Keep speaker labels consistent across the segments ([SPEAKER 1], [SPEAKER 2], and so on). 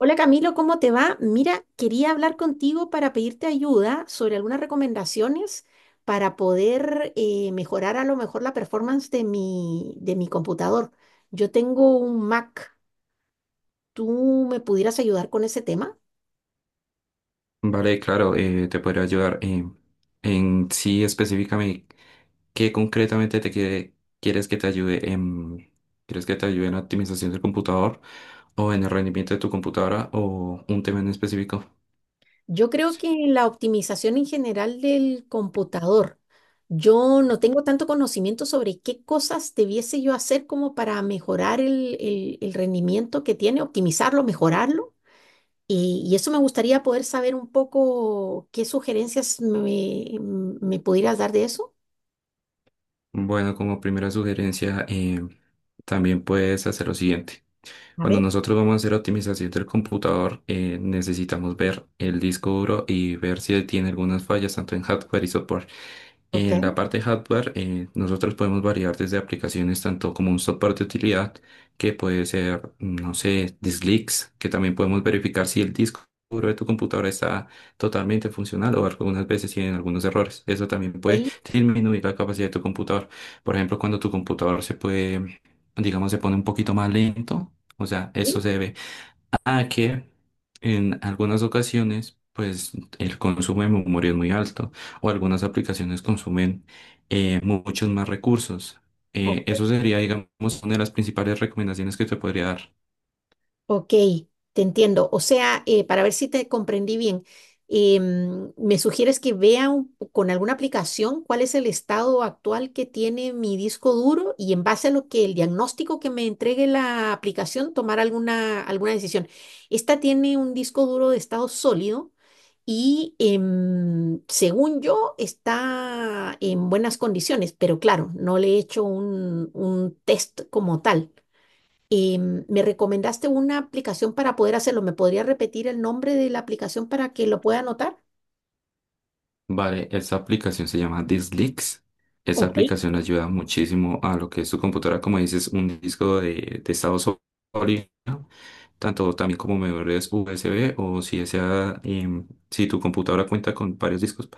[SPEAKER 1] Hola Camilo, ¿cómo te va? Mira, quería hablar contigo para pedirte ayuda sobre algunas recomendaciones para poder mejorar a lo mejor la performance de de mi computador. Yo tengo un Mac, ¿tú me pudieras ayudar con ese tema?
[SPEAKER 2] Vale, claro, te podría ayudar. En sí, específicamente, ¿qué concretamente te quiere, ¿quieres que te ayude? ¿Quieres que te ayude en la optimización del computador o en el rendimiento de tu computadora o un tema en específico?
[SPEAKER 1] Yo creo que la optimización en general del computador, yo no tengo tanto conocimiento sobre qué cosas debiese yo hacer como para mejorar el rendimiento que tiene, optimizarlo, mejorarlo. Y eso me gustaría poder saber un poco qué sugerencias me pudieras dar de eso.
[SPEAKER 2] Bueno, como primera sugerencia, también puedes hacer lo siguiente.
[SPEAKER 1] A
[SPEAKER 2] Cuando
[SPEAKER 1] ver,
[SPEAKER 2] nosotros vamos a hacer optimización del computador, necesitamos ver el disco duro y ver si tiene algunas fallas, tanto en hardware y software. En la
[SPEAKER 1] ok,
[SPEAKER 2] parte de hardware, nosotros podemos variar desde aplicaciones tanto como un software de utilidad, que puede ser, no sé, disk leaks, que también podemos verificar si el disco duro de tu computadora está totalmente funcional o algunas veces tienen algunos errores. Eso también puede
[SPEAKER 1] ok,
[SPEAKER 2] disminuir la capacidad de tu computador. Por ejemplo, cuando tu computador se puede, digamos, se pone un poquito más lento, o sea, eso
[SPEAKER 1] ok,
[SPEAKER 2] se debe a que en algunas ocasiones, pues el consumo de memoria es muy alto o algunas aplicaciones consumen muchos más recursos. Eso
[SPEAKER 1] ok.
[SPEAKER 2] sería, digamos, una de las principales recomendaciones que te podría dar.
[SPEAKER 1] Ok, te entiendo. O sea, para ver si te comprendí bien, me sugieres que vea un- con alguna aplicación cuál es el estado actual que tiene mi disco duro y en base a lo que el diagnóstico que me entregue la aplicación, tomar alguna, alguna decisión. Esta tiene un disco duro de estado sólido y según yo está en buenas condiciones, pero claro, no le he hecho un test como tal. Eh, Me recomendaste una aplicación para poder hacerlo. ¿Me podría repetir el nombre de la aplicación para que lo pueda anotar?
[SPEAKER 2] Vale, esta aplicación se llama DiskLeaks. Esa
[SPEAKER 1] Ok,
[SPEAKER 2] aplicación ayuda muchísimo a lo que es tu computadora, como dices, un disco de estado sólido tanto también como memorias USB o si esa, si tu computadora cuenta con varios discos,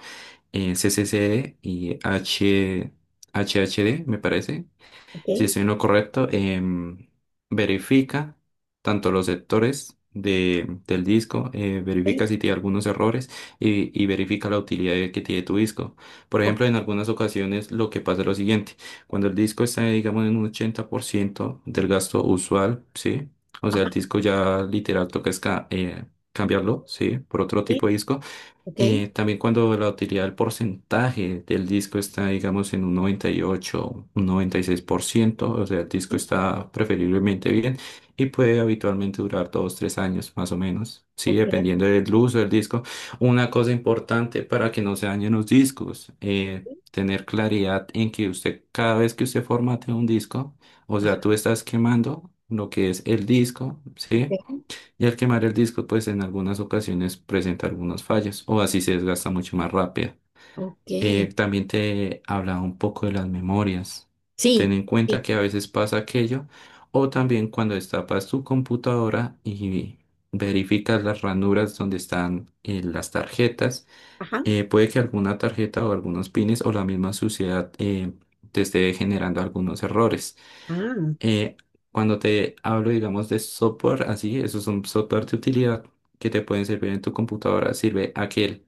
[SPEAKER 2] CCC y H, HHD, me parece,
[SPEAKER 1] ok, ok,
[SPEAKER 2] si estoy en lo correcto, verifica tanto los sectores del disco, verifica si tiene algunos errores y verifica la utilidad que tiene tu disco. Por
[SPEAKER 1] ok,
[SPEAKER 2] ejemplo, en algunas ocasiones lo que pasa es lo siguiente, cuando el disco está, digamos, en un 80% del gasto usual, ¿sí? O sea,
[SPEAKER 1] ajá,
[SPEAKER 2] el disco ya literal toca es cambiarlo, ¿sí? Por otro
[SPEAKER 1] sí,
[SPEAKER 2] tipo de disco.
[SPEAKER 1] ok,
[SPEAKER 2] También cuando la utilidad del porcentaje del disco está, digamos, en un 98, un 96%, o sea, el disco
[SPEAKER 1] sí,
[SPEAKER 2] está preferiblemente bien y puede habitualmente durar dos, tres años más o menos, sí,
[SPEAKER 1] ok,
[SPEAKER 2] dependiendo del uso del disco. Una cosa importante para que no se dañen los discos,
[SPEAKER 1] sí,
[SPEAKER 2] tener claridad en que usted, cada vez que usted formate un disco, o sea,
[SPEAKER 1] ajá,
[SPEAKER 2] tú estás quemando lo que es el disco, ¿sí?
[SPEAKER 1] ok,
[SPEAKER 2] Y al quemar el disco pues en algunas ocasiones presenta algunas fallas o así se desgasta mucho más rápido.
[SPEAKER 1] ok,
[SPEAKER 2] También te hablaba un poco de las memorias. Ten
[SPEAKER 1] sí,
[SPEAKER 2] en
[SPEAKER 1] sí,
[SPEAKER 2] cuenta que a veces pasa aquello o también cuando destapas tu computadora y verificas las ranuras donde están las tarjetas,
[SPEAKER 1] ajá,
[SPEAKER 2] puede que alguna tarjeta o algunos pines o la misma suciedad te esté generando algunos errores.
[SPEAKER 1] ah,
[SPEAKER 2] Eh, Cuando te hablo, digamos, de software, así, esos son software de utilidad que te pueden servir en tu computadora, sirve aquel.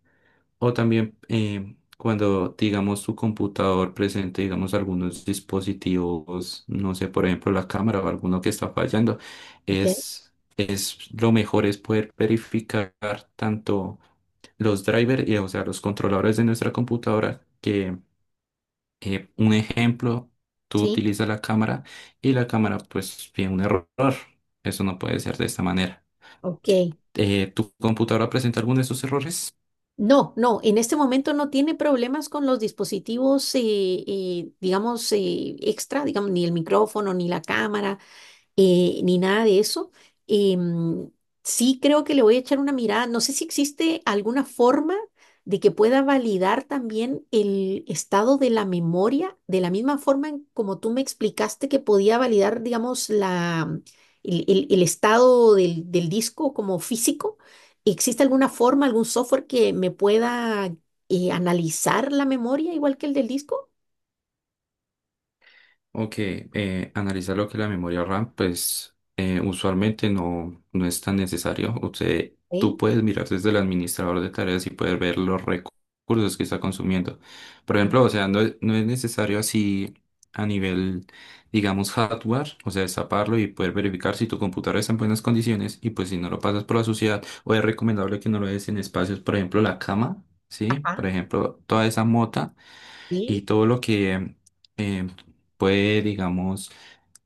[SPEAKER 2] O también cuando, digamos, tu computador presente, digamos, algunos dispositivos, no sé, por ejemplo, la cámara o alguno que está fallando,
[SPEAKER 1] ok,
[SPEAKER 2] es, es lo mejor es poder verificar tanto los drivers, y, o sea, los controladores de nuestra computadora que un ejemplo, tú
[SPEAKER 1] sí,
[SPEAKER 2] utilizas la cámara y la cámara pues tiene un error. Eso no puede ser de esta manera.
[SPEAKER 1] ok.
[SPEAKER 2] ¿Tu computadora presenta alguno de esos errores?
[SPEAKER 1] No, no, en este momento no tiene problemas con los dispositivos, digamos, extra, digamos, ni el micrófono, ni la cámara. Ni nada de eso. Em, sí creo que le voy a echar una mirada. No sé si existe alguna forma de que pueda validar también el estado de la memoria, de la misma forma en como tú me explicaste que podía validar, digamos, el estado del disco como físico. ¿Existe alguna forma, algún software que me pueda analizar la memoria igual que el del disco?
[SPEAKER 2] Ok, analizar lo que es la memoria RAM, pues usualmente no, no es tan necesario. Usted, tú
[SPEAKER 1] Sí.
[SPEAKER 2] puedes mirar desde el administrador de tareas y puedes ver los recursos que está consumiendo. Por ejemplo, o sea, no, no es necesario así a nivel, digamos, hardware, o sea, destaparlo y poder verificar si tu computadora está en buenas condiciones y pues si no lo pasas por la suciedad, o es recomendable que no lo des en espacios, por ejemplo, la cama, ¿sí?
[SPEAKER 1] Ajá,
[SPEAKER 2] Por ejemplo, toda esa mota
[SPEAKER 1] sí.
[SPEAKER 2] y todo lo que eh, puede, digamos,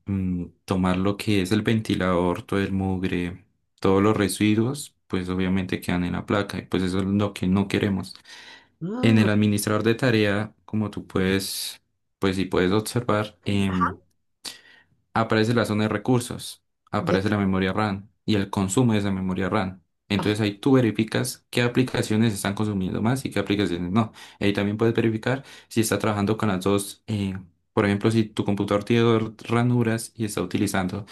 [SPEAKER 2] tomar lo que es el ventilador, todo el mugre, todos los residuos, pues obviamente quedan en la placa y pues eso es lo que no queremos. En
[SPEAKER 1] Mm,
[SPEAKER 2] el administrador de tarea, como tú puedes, pues si puedes observar,
[SPEAKER 1] ajá,
[SPEAKER 2] aparece la zona de recursos,
[SPEAKER 1] ya.
[SPEAKER 2] aparece la memoria RAM y el consumo de esa memoria RAM. Entonces ahí tú verificas qué aplicaciones están consumiendo más y qué aplicaciones no. Ahí también puedes verificar si está trabajando con las dos. Por ejemplo, si tu computador tiene dos ranuras y está utilizando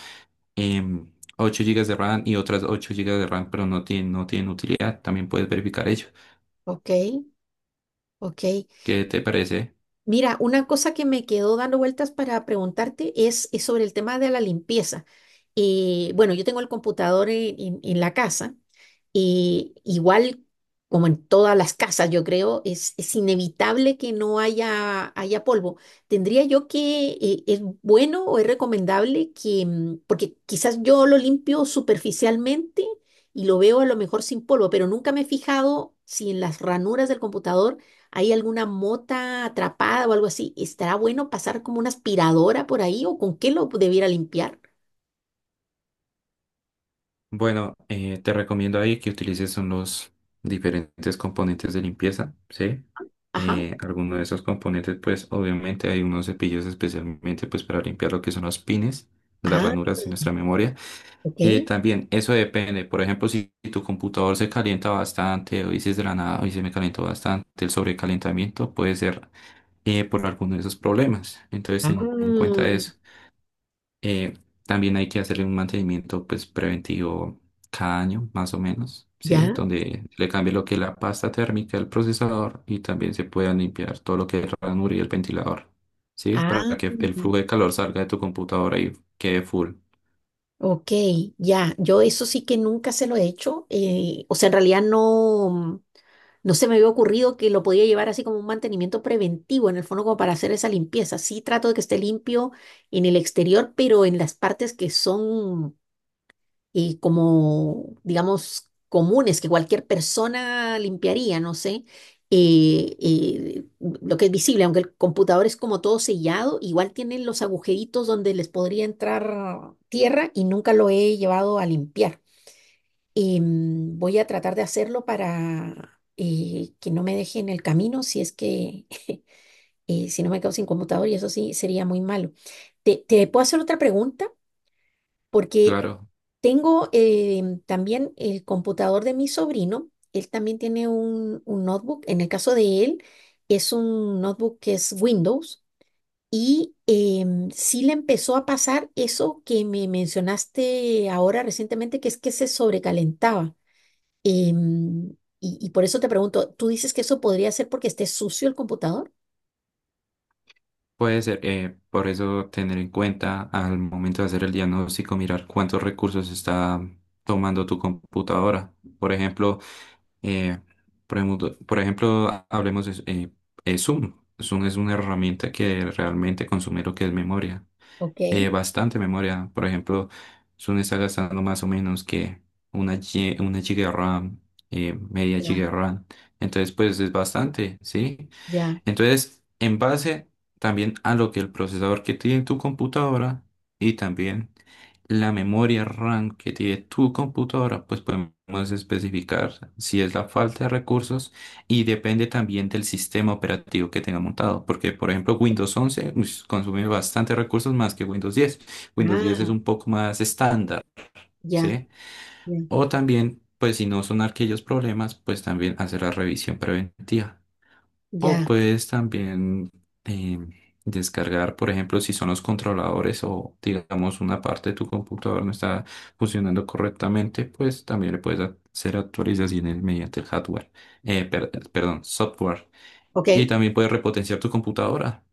[SPEAKER 2] em, 8 GB de RAM y otras 8 gigas de RAM, pero no tiene, no tienen utilidad, también puedes verificar ello.
[SPEAKER 1] Ok, ok.
[SPEAKER 2] ¿Qué te parece?
[SPEAKER 1] Mira, una cosa que me quedó dando vueltas para preguntarte es sobre el tema de la limpieza. Bueno, yo tengo el computador en la casa. Igual, como en todas las casas, yo creo, es inevitable que no haya, haya polvo. ¿Tendría yo que, es bueno o es recomendable que, mm, porque quizás yo lo limpio superficialmente y lo veo a lo mejor sin polvo, pero nunca me he fijado si en las ranuras del computador ¿hay alguna mota atrapada o algo así? ¿Estará bueno pasar como una aspiradora por ahí o con qué lo debiera limpiar?
[SPEAKER 2] Bueno, te recomiendo ahí que utilices son los diferentes componentes de limpieza, ¿sí?
[SPEAKER 1] Ajá.
[SPEAKER 2] Alguno de esos componentes, pues obviamente hay unos cepillos especialmente pues para limpiar lo que son los pines de las
[SPEAKER 1] Ah,
[SPEAKER 2] ranuras de nuestra memoria.
[SPEAKER 1] ok.
[SPEAKER 2] También eso depende, por ejemplo, si tu computador se calienta bastante o dices de la nada, hoy se me calentó bastante, el sobrecalentamiento puede ser por alguno de esos problemas. Entonces
[SPEAKER 1] Ah,
[SPEAKER 2] ten en cuenta eso. Eh, También hay que hacerle un mantenimiento pues preventivo cada año, más o menos, ¿sí?
[SPEAKER 1] ya.
[SPEAKER 2] Donde se le cambie lo que es la pasta térmica del procesador y también se pueda limpiar todo lo que es el ranura y el ventilador, ¿sí? Para
[SPEAKER 1] Ah,
[SPEAKER 2] que el flujo de calor salga de tu computadora y quede full.
[SPEAKER 1] ok, ya. Yo eso sí que nunca se lo he hecho. O sea, en realidad no se me había ocurrido que lo podía llevar así como un mantenimiento preventivo, en el fondo como para hacer esa limpieza. Sí trato de que esté limpio en el exterior, pero en las partes que son y como, digamos, comunes que cualquier persona limpiaría, no sé. eh, eh, lo que es visible, aunque el computador es como todo sellado, igual tienen los agujeritos donde les podría entrar tierra y nunca lo he llevado a limpiar. Voy a tratar de hacerlo para que no me deje en el camino si es que, si no me quedo sin computador y eso sí sería muy malo. Te puedo hacer otra pregunta? Porque
[SPEAKER 2] Claro,
[SPEAKER 1] tengo también el computador de mi sobrino. Él también tiene un notebook. En el caso de él, es un notebook que es Windows. Y sí le empezó a pasar eso que me mencionaste ahora recientemente, que es que se sobrecalentaba. Y por eso te pregunto, ¿tú dices que eso podría ser porque esté sucio el computador?
[SPEAKER 2] puede ser, por eso tener en cuenta al momento de hacer el diagnóstico, mirar cuántos recursos está tomando tu computadora. Por ejemplo, eh, por ejemplo, hablemos de Zoom. Zoom es una herramienta que realmente consume lo que es memoria,
[SPEAKER 1] Ok,
[SPEAKER 2] bastante memoria. Por ejemplo, Zoom está gastando más o menos que una, una giga RAM, media
[SPEAKER 1] ya,
[SPEAKER 2] giga RAM. Entonces, pues es bastante, ¿sí?
[SPEAKER 1] ya,
[SPEAKER 2] Entonces, en base también a lo que el procesador que tiene tu computadora y también la memoria RAM que tiene tu computadora, pues podemos especificar si es la falta de recursos y depende también del sistema operativo que tenga montado. Porque, por ejemplo, Windows 11 ush, consume bastante recursos más que Windows 10. Windows 10 es
[SPEAKER 1] ah,
[SPEAKER 2] un poco más estándar,
[SPEAKER 1] ya,
[SPEAKER 2] ¿sí?
[SPEAKER 1] ya,
[SPEAKER 2] O también, pues si no son aquellos problemas, pues también hacer la revisión preventiva. O
[SPEAKER 1] ya,
[SPEAKER 2] puedes también em, descargar, por ejemplo, si son los controladores o digamos una parte de tu computador no está funcionando correctamente, pues también le puedes hacer actualizaciones mediante el hardware, perdón, software.
[SPEAKER 1] ok.
[SPEAKER 2] Y también puedes repotenciar tu computadora.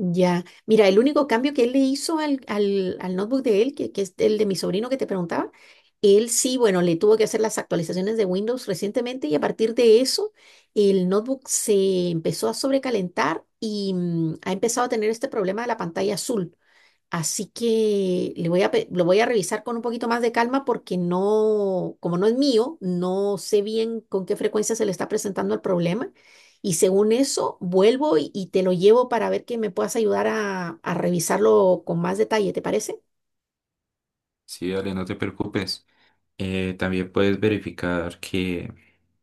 [SPEAKER 1] Ya, mira, el único cambio que él le hizo al notebook de él, que es el de mi sobrino que te preguntaba, él sí, bueno, le tuvo que hacer las actualizaciones de Windows recientemente y a partir de eso el notebook se empezó a sobrecalentar y mm, ha empezado a tener este problema de la pantalla azul. Así que le voy a, pe- lo voy a revisar con un poquito más de calma porque no, como no es mío, no sé bien con qué frecuencia se le está presentando el problema. Y según eso, vuelvo y te lo llevo para ver que me puedas ayudar a revisarlo con más detalle, ¿te parece?
[SPEAKER 2] Sí, dale, no te preocupes. También puedes verificar que,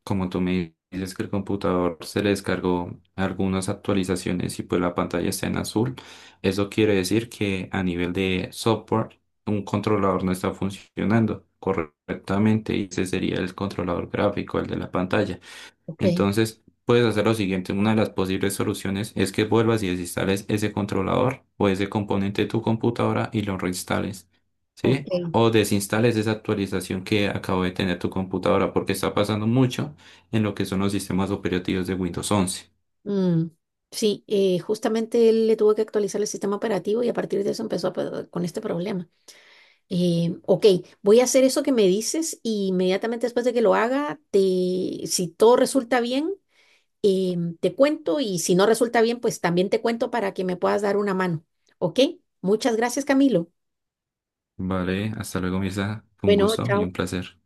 [SPEAKER 2] como tú me dices, que el computador se le descargó algunas actualizaciones y pues la pantalla está en azul. Eso quiere decir que a nivel de software, un controlador no está funcionando correctamente y ese sería el controlador gráfico, el de la pantalla.
[SPEAKER 1] Ok,
[SPEAKER 2] Entonces, puedes hacer lo siguiente. Una de las posibles soluciones es que vuelvas y desinstales ese controlador o ese componente de tu computadora y lo reinstales, ¿sí?
[SPEAKER 1] ok.
[SPEAKER 2] O desinstales esa actualización que acabo de tener tu computadora porque está pasando mucho en lo que son los sistemas operativos de Windows 11.
[SPEAKER 1] Mm, sí, justamente él le tuvo que actualizar el sistema operativo y a partir de eso empezó a pe- con este problema. Ok, voy a hacer eso que me dices y inmediatamente después de que lo haga, te, si todo resulta bien, te cuento y si no resulta bien, pues también te cuento para que me puedas dar una mano. Ok, muchas gracias, Camilo.
[SPEAKER 2] Vale, hasta luego, Mirza. Fue un
[SPEAKER 1] Bueno,
[SPEAKER 2] gusto y un
[SPEAKER 1] chao.
[SPEAKER 2] placer.